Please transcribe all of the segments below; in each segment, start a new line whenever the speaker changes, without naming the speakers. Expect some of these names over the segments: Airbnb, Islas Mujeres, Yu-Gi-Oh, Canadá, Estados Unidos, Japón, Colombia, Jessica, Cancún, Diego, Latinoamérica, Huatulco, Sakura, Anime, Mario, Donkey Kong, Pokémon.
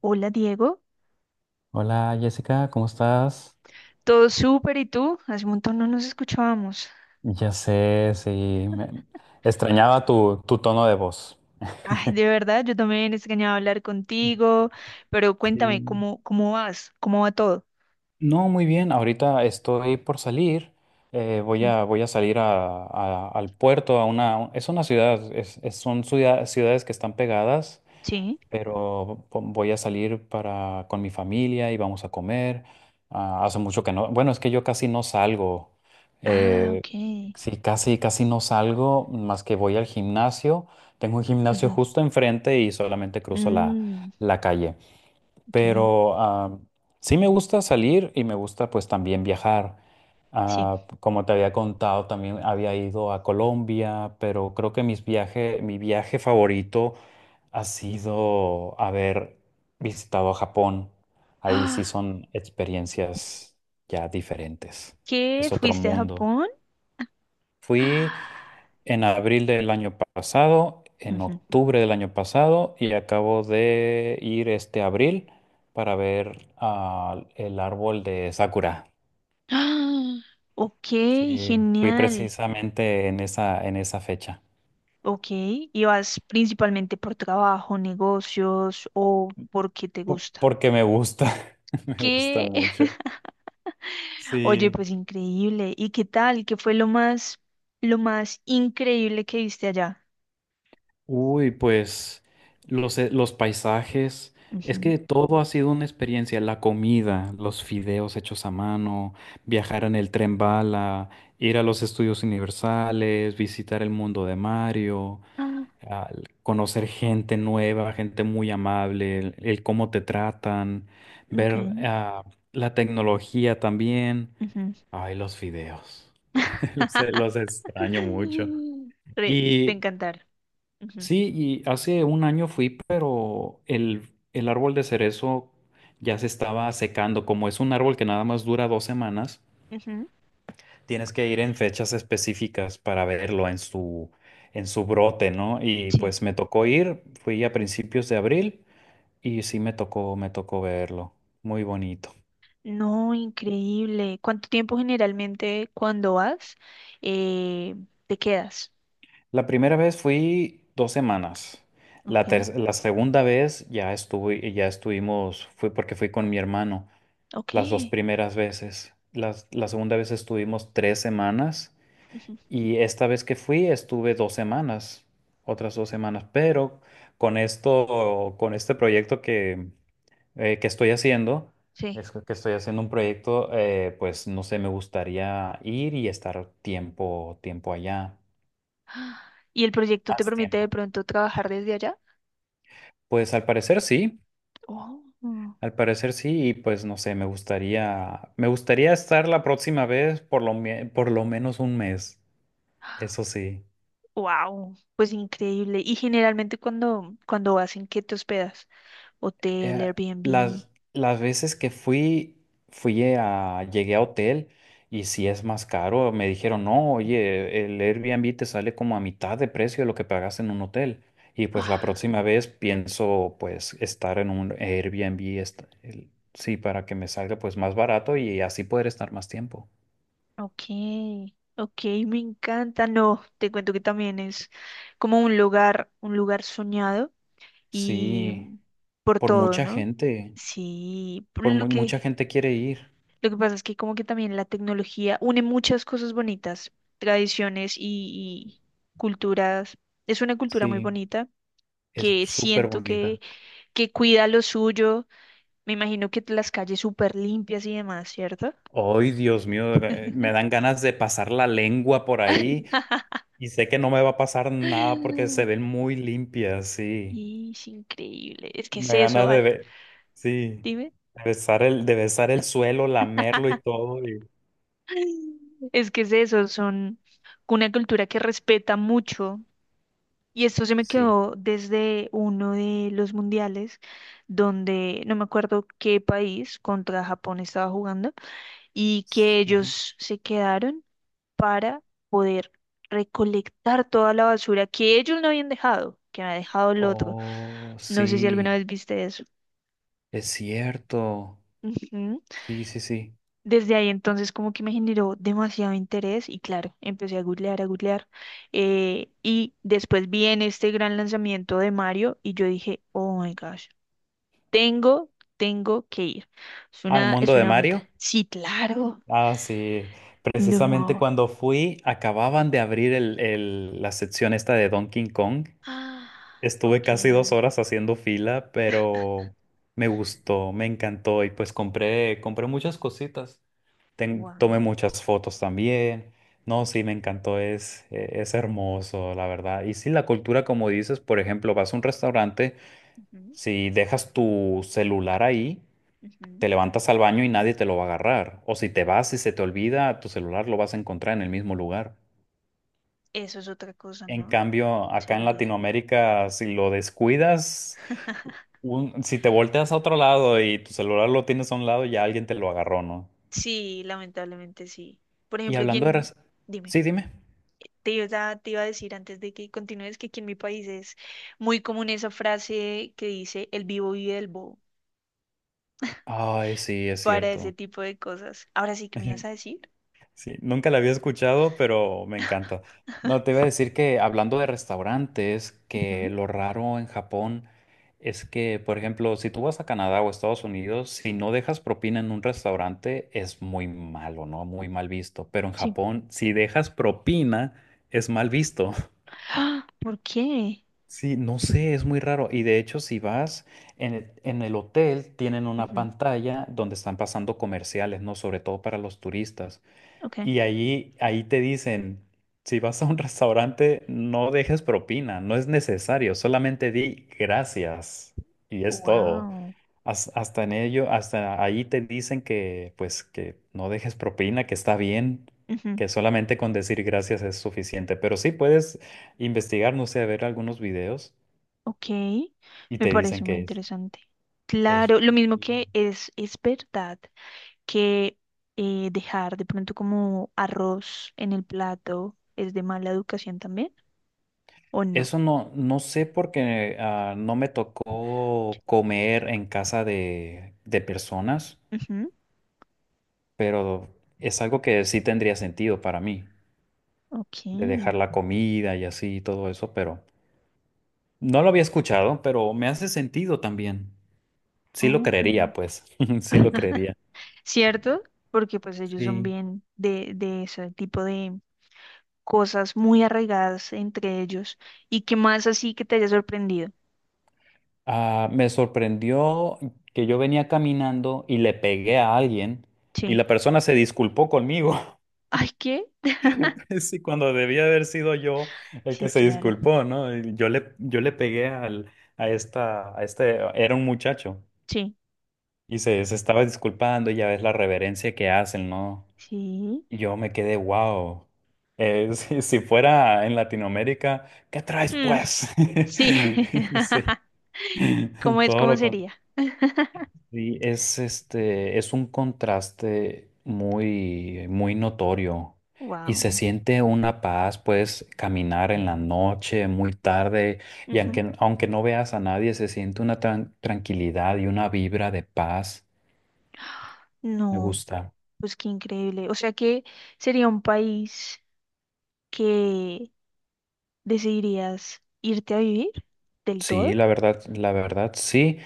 Hola Diego,
Hola Jessica, ¿cómo estás?
todo súper, ¿y tú? Hace un montón no nos escuchábamos.
Ya sé, sí, me- extrañaba tu tono de voz.
Ay, de verdad, yo también extrañaba hablar contigo, pero cuéntame,
Sí.
¿cómo vas? ¿Cómo va todo?
No, muy bien, ahorita estoy por salir,
Ujú.
voy a salir al puerto, es una ciudad, ciudades que están pegadas.
Sí.
Pero voy a salir para con mi familia y vamos a comer. Ah, hace mucho que no. Bueno, es que yo casi no salgo.
Ah,
Eh,
ok.
sí, casi, casi no salgo, más que voy al gimnasio. Tengo un gimnasio
Ujú,
justo enfrente y solamente cruzo la,
mm,
la calle.
ok,
Pero sí me gusta salir y me gusta pues también viajar.
sí.
Ah, como te había contado, también había ido a Colombia, pero creo que mi viaje favorito ha sido haber visitado Japón. Ahí sí
Ah,
son experiencias ya diferentes.
¿qué?
Es otro
¿Fuiste a
mundo.
Japón?
Fui
Ah,
en abril del año pasado, en
ujú.
octubre del año pasado y acabo de ir este abril para ver el árbol de Sakura.
Ah, ok,
Sí, fui
genial.
precisamente en esa fecha,
Ok, ¿y vas principalmente por trabajo, negocios o porque te gusta?
porque me gusta. Me gusta
¿Qué?
mucho.
Oye,
Sí.
pues increíble. ¿Y qué tal? ¿Qué fue lo más increíble que viste allá?
Uy, pues los paisajes, es
Ujú.
que todo ha sido una experiencia, la comida, los fideos hechos a mano, viajar en el tren bala, ir a los estudios universales, visitar el mundo de Mario,
Ah,
al conocer gente nueva, gente muy amable, el cómo te tratan,
ok.
ver la tecnología también.
Ujú.
Ay, los fideos, los extraño mucho.
Re- Te
Y
encantar. Ujú,
sí, y hace un año fui, pero el árbol de cerezo ya se estaba secando. Como es un árbol que nada más dura 2 semanas,
ujú,
tienes que ir en fechas específicas para verlo en su brote, ¿no? Y
sí.
pues me tocó ir, fui a principios de abril y sí me tocó verlo. Muy bonito.
No, increíble. ¿Cuánto tiempo generalmente cuando vas, eh, te quedas?
La primera vez fui 2 semanas. La,
Ok,
ter- la segunda vez ya estuve, ya estuvimos, fui porque fui con mi hermano. Las dos
ok.
primeras veces. La segunda vez estuvimos 3 semanas
Ujú,
y esta vez que fui estuve 2 semanas, otras 2 semanas. Pero con este proyecto que estoy haciendo,
sí.
es que estoy haciendo un proyecto, pues no sé, me gustaría ir y estar tiempo allá,
Ah, ¿y el proyecto te
más
permite de
tiempo.
pronto trabajar desde allá?
Pues al parecer sí.
Oh.
Al parecer sí, y pues no sé, me gustaría estar la próxima vez por lo menos un mes. Eso sí.
Wow, pues increíble. Y generalmente cuando vas, ¿en qué te hospedas? Hotel,
Eh,
Airbnb.
las veces que fui, llegué a hotel y si es más caro, me dijeron, no, oye, el Airbnb te sale como a mitad de precio de lo que pagas en un hotel. Y pues la
Ah,
próxima vez pienso pues estar en un Airbnb, sí, para que me salga pues más barato y así poder estar más tiempo.
ok, ok, me encanta. No, te cuento que también es como un lugar soñado y
Sí,
por
por
todo,
mucha
¿no?
gente,
Sí, por
mucha gente quiere ir.
lo que pasa es que como que también la tecnología une muchas cosas bonitas, tradiciones y culturas. Es una cultura muy
Sí,
bonita
es
que
súper
siento
bonita.
que cuida lo suyo. Me imagino que las calles súper limpias y demás, ¿cierto?
Ay, Dios mío, me dan ganas de pasar la lengua por ahí y sé que no me va a pasar nada porque se ven muy limpias, sí.
Y es increíble. Es que es
Me dan
eso,
ganas
ah,
sí,
dime.
de besar el suelo, lamerlo y todo.
Es que es eso, son una cultura que respeta mucho. Y esto se me
Sí.
quedó desde uno de los mundiales, donde no me acuerdo qué país contra Japón estaba jugando, y que
Ujú.
ellos se quedaron para poder recolectar toda la basura que ellos no habían dejado, que había dejado el otro.
Oh,
No sé si alguna
sí,
vez viste eso.
es cierto.
Ujú.
Sí, sí, sí.
Desde ahí entonces como que me generó demasiado interés y claro, empecé a googlear, a googlear. Y después vi en este gran lanzamiento de Mario y yo dije, oh my gosh, tengo, tengo que ir.
¿Al
Es
mundo de
una meta.
Mario?
Sí, claro.
Ah, sí. Precisamente
No.
cuando fui, acababan de abrir la sección esta de Donkey Kong.
Ah,
Estuve
ok.
casi 2 horas haciendo fila, pero me gustó, me encantó y pues compré muchas cositas. Tomé
Wow.
muchas fotos también. No,
Ok.
sí, me encantó, es hermoso, la verdad. Y sí, la cultura, como dices, por ejemplo, vas a un restaurante,
Ujú,
si dejas tu celular ahí,
ujú.
te levantas al baño y nadie te lo va a agarrar. O si te vas y se te olvida, tu celular lo vas a encontrar en el mismo lugar.
Eso es otra cosa,
En
¿no?
cambio, acá en
Seguridad.
Latinoamérica, si lo descuidas, si te volteas a otro lado y tu celular lo tienes a un lado, ya alguien te lo agarró, ¿no?
Sí, lamentablemente sí. Por
Y
ejemplo,
hablando de...
quien,
raz-
dime,
Sí, dime.
te iba a decir antes de que continúes que aquí en mi país es muy común esa frase que dice el vivo vive el bobo
Ay, sí, es
para ese
cierto.
tipo de cosas. Ahora sí que me ibas a decir.
Sí, nunca la había escuchado, pero me encanta. No, te iba a decir que hablando de restaurantes, que
Ujú,
lo raro en Japón es que, por ejemplo, si tú vas a Canadá o Estados Unidos, si no dejas propina en un restaurante, es muy malo, ¿no? Muy mal visto. Pero en
sí.
Japón, si dejas propina, es mal visto.
¡Ah! ¿Por qué?
Sí, no sé, es muy raro. Y de hecho, si vas en el hotel, tienen una
Ujú,
pantalla donde están pasando comerciales, ¿no? Sobre todo para los turistas.
ok.
Y ahí te dicen, si vas a un restaurante, no dejes propina, no es necesario, solamente di gracias y es todo.
Wow.
Hasta ahí te dicen que no dejes propina, que está bien,
Ujú,
que solamente con decir gracias es suficiente. Pero sí puedes investigar, no sé, ver algunos videos
ok.
y
Me
te dicen
parece muy
que es,
interesante.
es.
Claro, lo mismo que es verdad. Que dejar de pronto como arroz en el plato es de mala educación también, ¿o no?
Eso no, no sé porque no me tocó comer en casa de personas,
Ujú,
pero es algo que sí tendría sentido para mí,
ok.
de dejar la comida y así y todo eso, pero no lo había escuchado, pero me hace sentido también. Sí lo
Oh.
creería, pues, sí lo creería.
¿Cierto? Porque pues ellos son
Sí.
bien de ese tipo de cosas muy arraigadas entre ellos, y que más así que te haya sorprendido.
Ah, me sorprendió que yo venía caminando y le pegué a alguien y
Sí.
la persona se disculpó conmigo.
Ay, ¿qué?
Sí, cuando debía haber sido yo el
Sí,
que se
claro.
disculpó, ¿no? Y yo le pegué a este, era un muchacho
Sí.
y se estaba disculpando y ya ves la reverencia que hacen, ¿no?
Sí.
Y yo me quedé, wow. Si fuera en Latinoamérica, ¿qué traes
Mm,
pues?
sí.
Sí,
¿Cómo es?
todo
¿Cómo
lo contrario.
sería?
Sí, es este, es un contraste muy, muy notorio y
Wow.
se siente una paz, puedes caminar en la noche, muy tarde, y aunque no veas a nadie, se siente una tranquilidad y una vibra de paz. Me
No,
gusta.
pues qué increíble. O sea que sería un país que decidirías irte a vivir del todo.
Sí, la verdad, sí.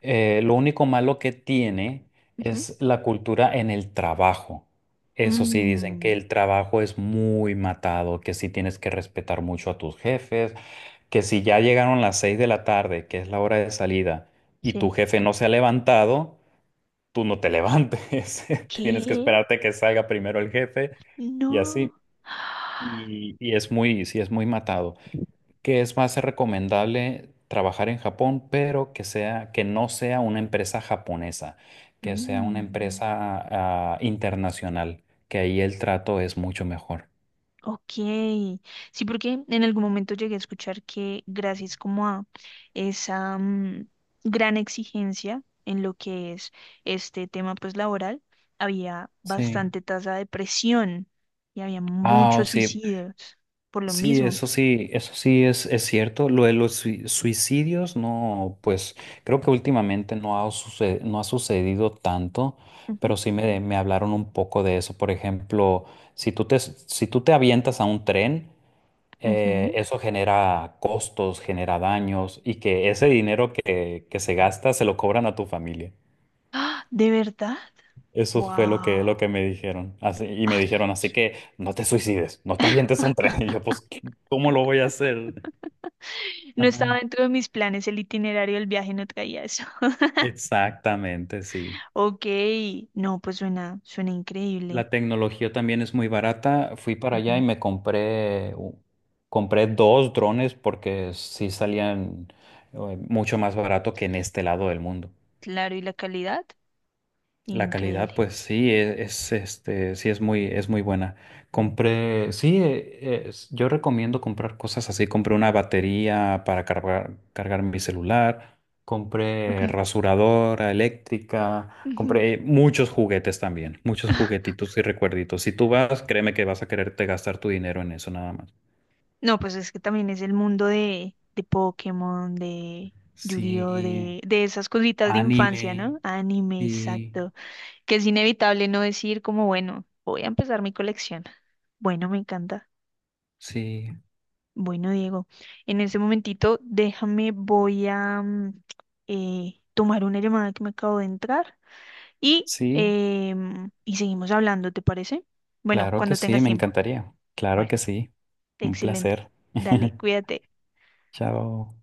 Lo único malo que tiene
Ujú.
es la cultura en el trabajo. Eso sí, dicen que
Mm,
el trabajo es muy matado, que sí tienes que respetar mucho a tus jefes que si ya llegaron las 6 de la tarde, que es la hora de salida, y tu
sí.
jefe no se ha levantado, tú no te levantes. Tienes que
¿Qué?
esperarte que salga primero el jefe y así.
No.
Y es muy, sí, es muy matado. Que es más recomendable trabajar en Japón, pero que sea, que no sea una empresa japonesa, que sea una
Mm.
empresa internacional, que ahí el trato es mucho mejor.
Ok, sí, porque en algún momento llegué a escuchar que gracias como a esa mm, gran exigencia en lo que es este tema pues laboral, había
Sí.
bastante tasa de presión y había
Ah, oh,
muchos
sí,
suicidios por lo
sí,
mismo.
eso sí, eso sí es cierto. Lo de los suicidios, no, pues creo que últimamente no ha sucedido tanto,
Ujú,
pero sí me hablaron un poco de eso. Por ejemplo, si tú te avientas a un tren,
ujú.
eso genera costos, genera daños y que ese dinero que se gasta se lo cobran a tu familia.
¡Ah! ¿De verdad?
Eso fue lo
¡Wow!
que me dijeron. Así, y me
Ay,
dijeron, así que no te suicides, no te avientes a un tren. Y yo, pues, ¿cómo lo voy a hacer?
no estaba
Ajá.
dentro de mis planes el itinerario del viaje, no traía eso.
Exactamente, sí.
Ok, no, pues suena, suena increíble.
La tecnología también es muy barata. Fui para allá
Ujú.
y compré dos drones porque sí salían mucho más barato que en este lado del mundo.
Claro, ¿y la calidad?
La
Increíble.
calidad, pues sí, es, este, sí es muy buena. Compré, sí, yo recomiendo comprar cosas así. Compré una batería para cargar mi celular,
Ok.
compré rasuradora eléctrica,
Ujú.
compré muchos juguetes también, muchos juguetitos y recuerditos. Si tú vas, créeme que vas a quererte gastar tu dinero en eso nada más.
No, pues es que también es el mundo de Pokémon, de Yu-Gi-Oh,
Sí,
de esas cositas de infancia, ¿no?
anime,
Anime,
sí,
exacto. Que es inevitable no decir como, bueno, voy a empezar mi colección. Bueno, me encanta.
sí,
Bueno, Diego, en ese momentito déjame, voy a mm, tomar una llamada que me acabo de entrar y,
sí.
y seguimos hablando, ¿te parece? Bueno,
Claro que
cuando
sí,
tengas
me
tiempo.
encantaría. Claro
Bueno.
que sí. Un
Excelente.
placer.
Dale, cuídate.
Chao.